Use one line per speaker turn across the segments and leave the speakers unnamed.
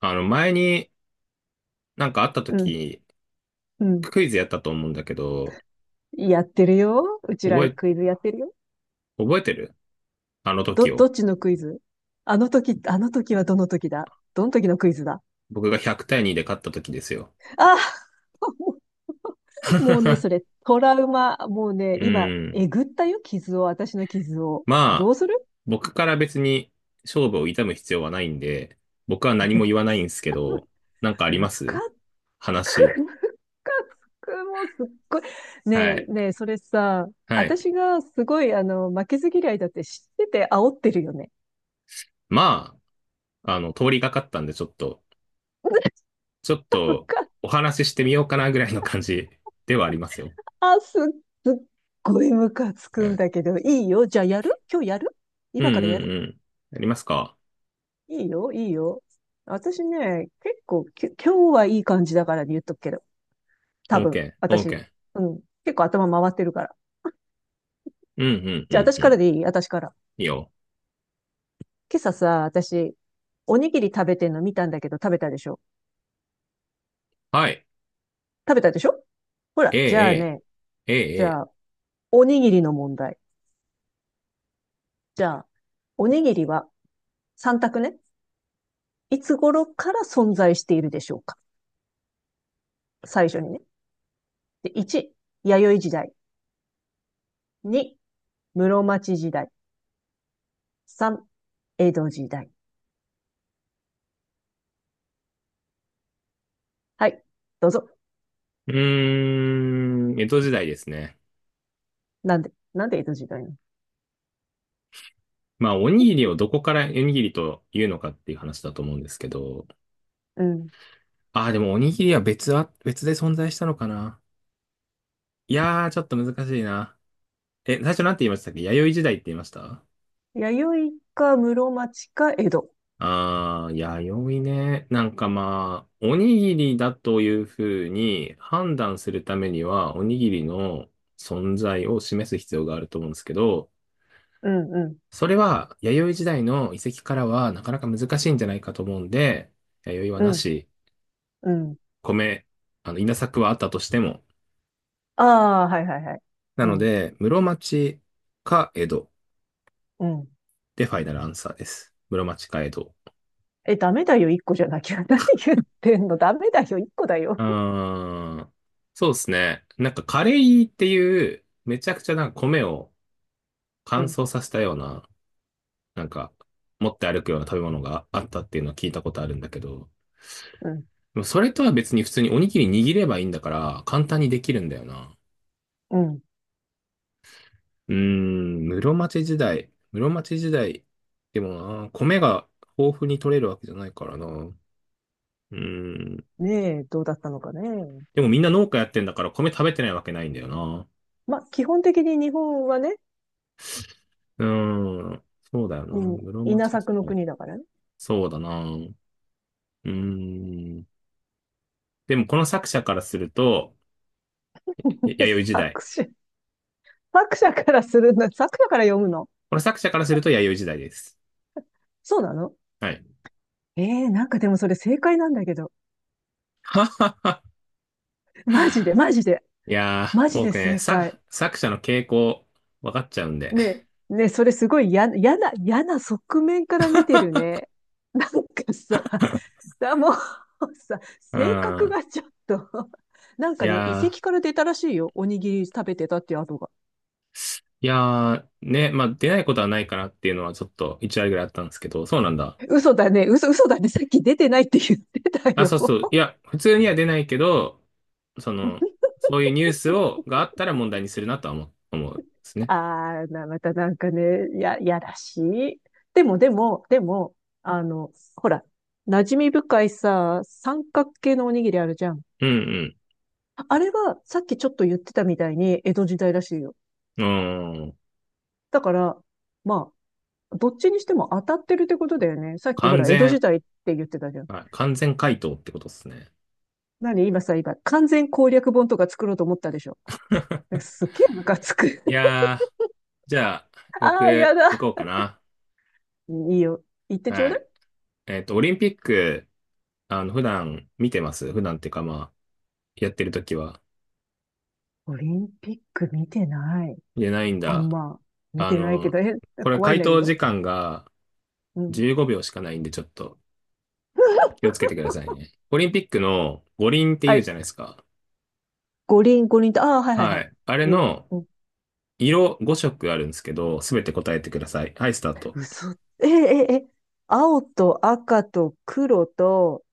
あの、前になんかあった
うん、
時、
うん。
クイズやったと思うんだけど、
やってるよ。うち
覚
ら
え、
クイズやってるよ。
覚えてるあの
ど、
時
ど
を。
っちのクイズ？あの時、あの時はどの時だ？どの時のクイズだ？
僕が100対2で勝った時ですよ。
あ、 もうね、そ れ、トラウマ。もうね、
う
今、
ん。
えぐったよ、傷を、私の傷を。ど
まあ、
うする？
僕から別に勝負を痛む必要はないんで、僕は何も言わないんですけど、なんかありま
むか
す
つ
話。
く、むかつく、もうすっごい。ね
はい。
え、ねえ、それさ、
はい。
私がすごい、あの、負けず嫌いだって知ってて煽ってるよね。
まあ、通りがかったんでちょっとお話ししてみようかなぐらいの感じではありますよ。
あ、すっごいムカつ
は
くん
い。
だけど、いいよ。じゃあやる？今日やる？
うんう
今からやる？
んうん。やりますか？
いいよ、いいよ。私ね、結構、今日はいい感じだから言っとくけど。多
OK,
分、私。
OK.
うん。結構頭回ってるから。
うん、うん、う
じゃあ
ん、
私
うん。
からでいい？私から。
いいよ。
今朝さ、私、おにぎり食べてんの見たんだけど、食べたでしょ？
はい。
食べたでしょ？ほ
え
ら、じゃあ
え、
ね、
ええ、え
じ
え。ええ。
ゃあ、おにぎりの問題。じゃあ、おにぎりは3択ね。いつ頃から存在しているでしょうか？最初にね。で、1、弥生時代。2、室町時代。3、江戸時代。はい。どうぞ。
うーん、江戸時代ですね。
なんで、なんで江戸時代なの？
まあ、おにぎりをどこからおにぎりというのかっていう話だと思うんですけど。
うん。
ああ、でもおにぎりは別で存在したのかな。いやー、ちょっと難しいな。え、最初なんて言いましたっけ？弥生時代って言いました？
弥生か室町か江戸。
ああ、弥生ね。なんかまあ、おにぎりだというふうに判断するためには、おにぎりの存在を示す必要があると思うんですけど、
うん、うん、
それは弥生時代の遺跡からはなかなか難しいんじゃないかと思うんで、弥生は
う
な
ん、
し、
うん。
米、あの、稲作はあったとしても。
ああ、はいはいはい。
な
う
の
ん、
で、室町か江戸
うん。
でファイナルアンサーです。室町か江戸。
え、ダメだよ、1個じゃなきゃ。何言ってんの？ダメだよ、1個だ
う
よ。
ーん。そうですね。なんかカレイっていう、めちゃくちゃなんか米を
う
乾
ん、
燥させたような、なんか持って歩くような食べ物があったっていうのは聞いたことあるんだけど、
うん、
でもそれとは別に普通におにぎり握ればいいんだから簡単にできるんだよな。
うん。
うーん、室町時代。室町時代。でもな、米が豊富に取れるわけじゃないからな。うーん。
ねえ、どうだったのかね。
でもみんな農家やってんだから米食べてないわけないんだよな。
ま、基本的に日本はね、
うーん。そうだよな。
うん、
室
稲
町時
作の
代。
国だからね。
そうだな。うーん。でもこの作者からすると、弥生時
作
代。
詞。作者からするんだ。作者から読むの？
この作者からすると弥生時代です。
そうなの？
はい。
ええー、なんかでもそれ正解なんだけど。マジで、マジで、
いや
マ
ー、
ジで
僕ね、
正
作、
解。
作者の傾向、分かっちゃうんで。
ね、ね、それすごい嫌な、嫌な、嫌な側面から見てるね。なんかさ、だもうさ、
う
性格
ん。
がちょっと。なん
い
かね、遺
やー、
跡から出たらしいよ。おにぎり食べてたっていう跡が。
いやー、ね、まあ、出ないことはないかなっていうのはちょっと1割ぐらいあったんですけど、そうなんだ。
嘘だね、嘘、嘘だね。さっき出てないって言ってた
あ、
よ。
そうそう。いや、普通には出ないけど、その、そういうニュースがあったら問題にするなとは思うんですね。
あーな、またなんかね、やらしい。でも、でも、でも、あの、ほら、馴染み深いさ、三角形のおにぎりあるじゃん。
うん
あれは、さっきちょっと言ってたみたいに、江戸時代らしいよ。
うん。うん。
だから、まあ、どっちにしても当たってるってことだよね。さっきほ
完
ら、江戸
全、
時代って言ってたじゃん。
はい。完全回答ってことですね。
何今さ、今、完全攻略本とか作ろうと思ったでしょ。すっげえムカつく。
いやー、じゃあ、
ああ、や
僕、行こ
だ。
うかな。
いいよ。言ってちょう
は
だ
い。
い。
オリンピック、普段見てます？普段っていうか、まあ、やってるときは。
オリンピック見てない。
いや、ないん
あん
だ。
ま見
あ
てないけ
の、
ど、え、
これ
怖いん
回
だけ
答
ど。
時間が
うん。
15秒しかないんで、ちょっと気をつ けてくださいね。オリンピックの五輪って
は
言うじ
い。
ゃないですか。
五輪、五輪と、ああ、はいはいは
は
い。
い。あれ
言う。
の
うん。
色5色あるんですけど、すべて答えてください。はい、スタート。
嘘。え、え、え、青と赤と黒と、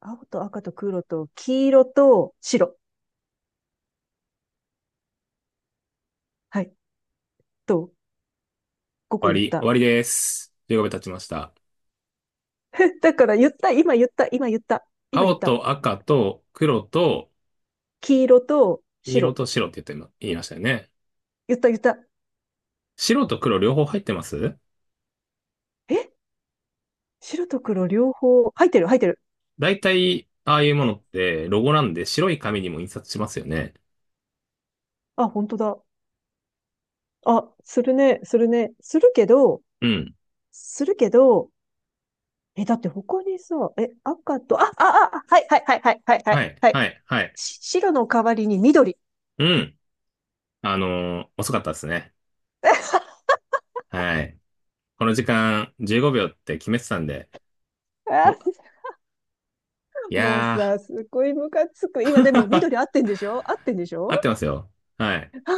青と赤と黒と黄色と白。はい。と、こ
終
こ
わ
言っ
り。終
た。
わりです。15秒経ちました。
だから言った、今言った、今言った、今言
青
った。
と赤と黒と
黄色と
黄色
白。
と白って言いましたよね。
言った、言った。
白と黒両方入ってます？
え、白と黒両方、入ってる、入ってる。
大体、ああいうものってロゴなんで白い紙にも印刷しますよね。
あ、本当だ。あ、するね、するね。するけど、
うん。
するけど、え、だって他にさ、え、赤と、あ、あ、あ、あ、はいはいはいはいはいは
は
い。
い、
は
は
い、
い、はい。
し白の代わりに緑。
うん。遅かったですね。はい。この時間15秒って決めてたんで、
あ
もうい
ー、もう
や
さ、すごいムカつく。今でも
ー、
緑合ってんでしょ？合ってんでし ょ？
合ってますよ。はい。
ああー、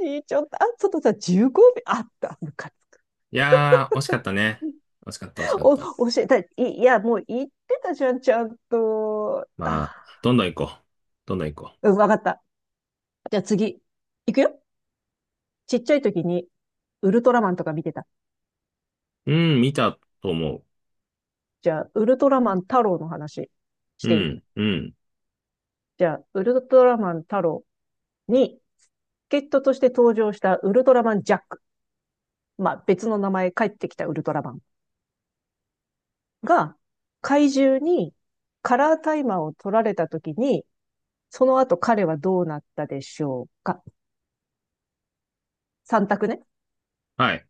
何ちょっと、あ、ちょっとさ、15秒。あった、ムカつく。
いやー、惜しかったね。惜しかった、惜しかっ
お、
た。
教えたい。いいや、もう言ってたじゃん、ちゃんと。
まあ、
あ
どんどん行こう。どんどん行こ
ー、うん、わかった。じゃあ次。いくよ。ちっちゃい時に、ウルトラマンとか見てた？
う。うん、見たと思う。
じゃあ、ウルトラマン太郎の話し
う
ていい？
ん、うん。
じゃあ、ウルトラマンタロウに、ゲットとして登場したウルトラマンジャック。まあ、別の名前帰ってきたウルトラマンが、怪獣にカラータイマーを取られた時に、その後彼はどうなったでしょうか？ 3 択ね。
はい。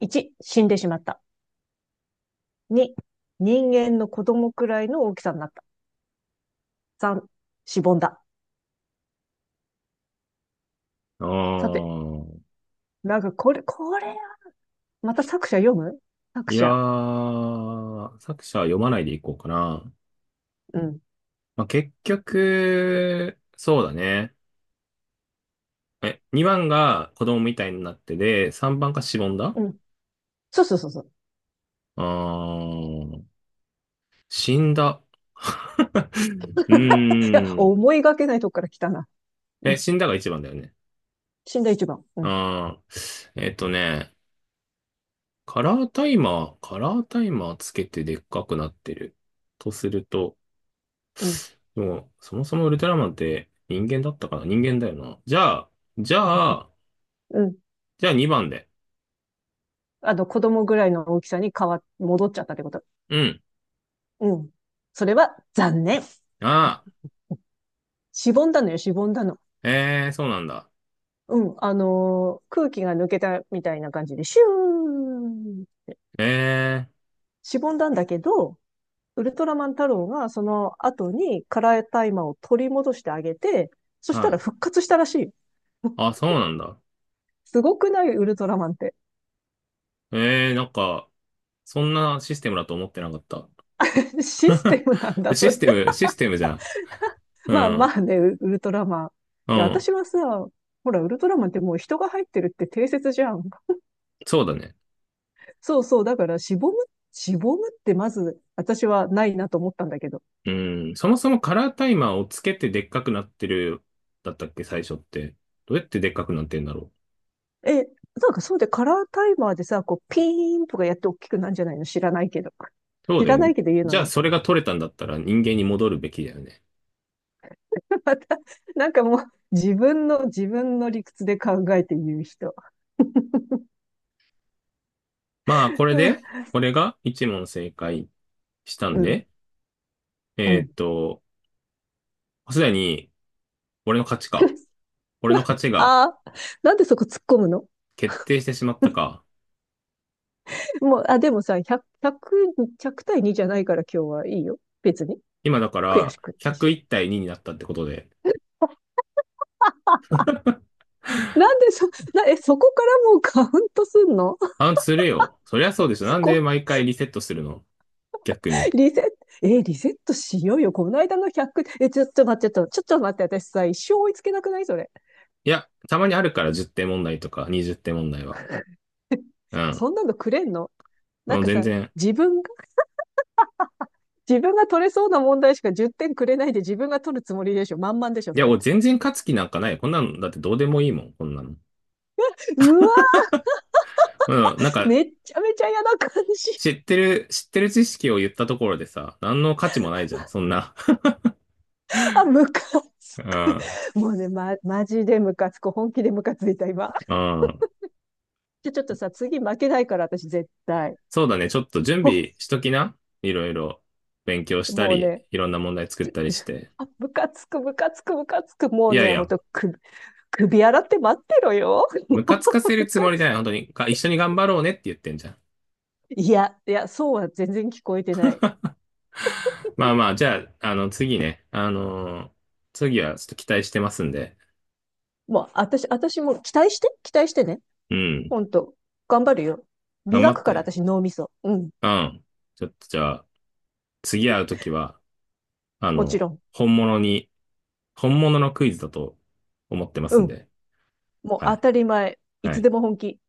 1、死んでしまった。2、人間の子供くらいの大きさになった。3、しぼんだ。
あー
さて、なんかこれ、これ、また作者読む？作
いや
者。
ー、作者は読まないでいこうかな。
うん。
まあ、結局、そうだね。え、2番が子供みたいになってで、3番がしぼんだ？
うん。そうそうそうそう。
あー、死んだ。う
いや、
ーん。
思いがけないとこから来たな。
え、死んだが1番だよね。
死んだ一番。うん。
あー、カラータイマーつけてでっかくなってる。とすると、
うん。
もう、そもそもウルトラマンって人間だったかな？人間だよな。じゃあ、
うん。
じゃあ2番で。
あの、子供ぐらいの大きさに戻っちゃったってこと。
うん。
うん。それは残念。
あ
しぼんだのよ、しぼんだの。
あ、ええー、そうなんだ。
うん。あのー、空気が抜けたみたいな感じで、シューン。
ええ
しぼんだんだけど、ウルトラマン太郎がその後にカラータイマーを取り戻してあげて、そ
ー、
し
は
たら
い。
復活したらしい。
あ、そうなんだ。
すごくない、ウルトラマンって。
ええー、なんか、そんなシステムだと思ってなかった。
システムなん だ、
でシ
そ
ス
れ。
テム、システムじゃん。う
まあ
ん。
まあね、ウルトラマン。い
う
や、
ん。
私はさ、ほら、ウルトラマンってもう人が入ってるって定説じゃん。
そうだね。
そうそう、だからしぼむ、しぼむってまず私はないなと思ったんだけど。
うん。そもそもカラータイマーをつけてでっかくなってる、だったっけ、最初って。どうやってでっかくなってんだろう。
え、なんかそうで、カラータイマーでさ、こうピーンとかやって大きくなんじゃないの？知らないけど。
そう
知
だよ
らな
ね。
いけど言う
じ
の
ゃあ、
ね。
それが取れたんだったら人間に戻るべきだよね。
また、なんかもう自分の、自分の理屈で考えて言う人。
まあ、これで、俺が一問正解した
う
ん
ん、
で、
う
えーっ
ん。
と、すでに、俺の勝ちか。俺の勝ちが
ああ、なんでそこ突っ込むの？
決定してしまったか。
もう、あ、でもさ、100、1 0対2じゃないから今日はいいよ。別に。
今だか
悔
ら、
しくないし。
101対2になったってことで。
なんでそ、な、え、そこからもうカウントすんの？
あ、するよ。そりゃそうでしょ。な んで
こ
毎
う、
回リセットするの？逆に。
リセット、え、リセットしようよ。この間の100、え、ちょっと待って、ちょっと、ちょっと待って、私さ、一生追いつけなくないそれ。
いや、たまにあるから10点問題とか20点問題は。うん。
そんなのくれんの？なん
もう
か
全
さ、
然。
自分が、自分が取れそうな問題しか10点くれないで自分が取るつもりでしょ。満々でしょ、
い
そ
や、
れ。
俺全然勝つ気なんかない。こんなの、だってどうでもいいもん、こんなの。
うわ、
うん、なんか、
めっちゃめちゃ嫌な感じ。
知ってる知識を言ったところでさ、何の価値もないじゃん、そんな。
あ、ムカつ
う
く。
ん。
もうね、マジでムカつく。本気でムカついた、今。
うん。
じゃ、ちょっとさ、次負けないから、私絶対。
そうだね。ちょっと準
ほ、
備しときな。いろいろ勉強した
もう
り、
ね、
いろんな問題作ったりして。
あ、ムカつく、ムカつく、ムカつく。も
い
う
やい
ね、ほん
や、
と、首洗って待ってろよ。も
ム
う、
カつかせる
ム
つ
カ
もりじ
つ
ゃない。本
く。
当に。一緒に頑張ろうねって言ってんじゃん。
いや、いや、そうは全然聞こえてない。
まあまあ、じゃあ、次ね。次はちょっと期待してますんで。
もう、私、私も期待して、期待してね。
うん。
ほんと、頑張るよ。
頑張
磨
っ
くから、
て。
私、脳みそ。うん、
うん。ちょっとじゃあ、次会うときは、あ
もち
の、
ろん。
本物に、本物のクイズだと思ってます
う
ん
ん、
で。
もう
は
当
い。
たり前。い
は
つで
い。
も本気。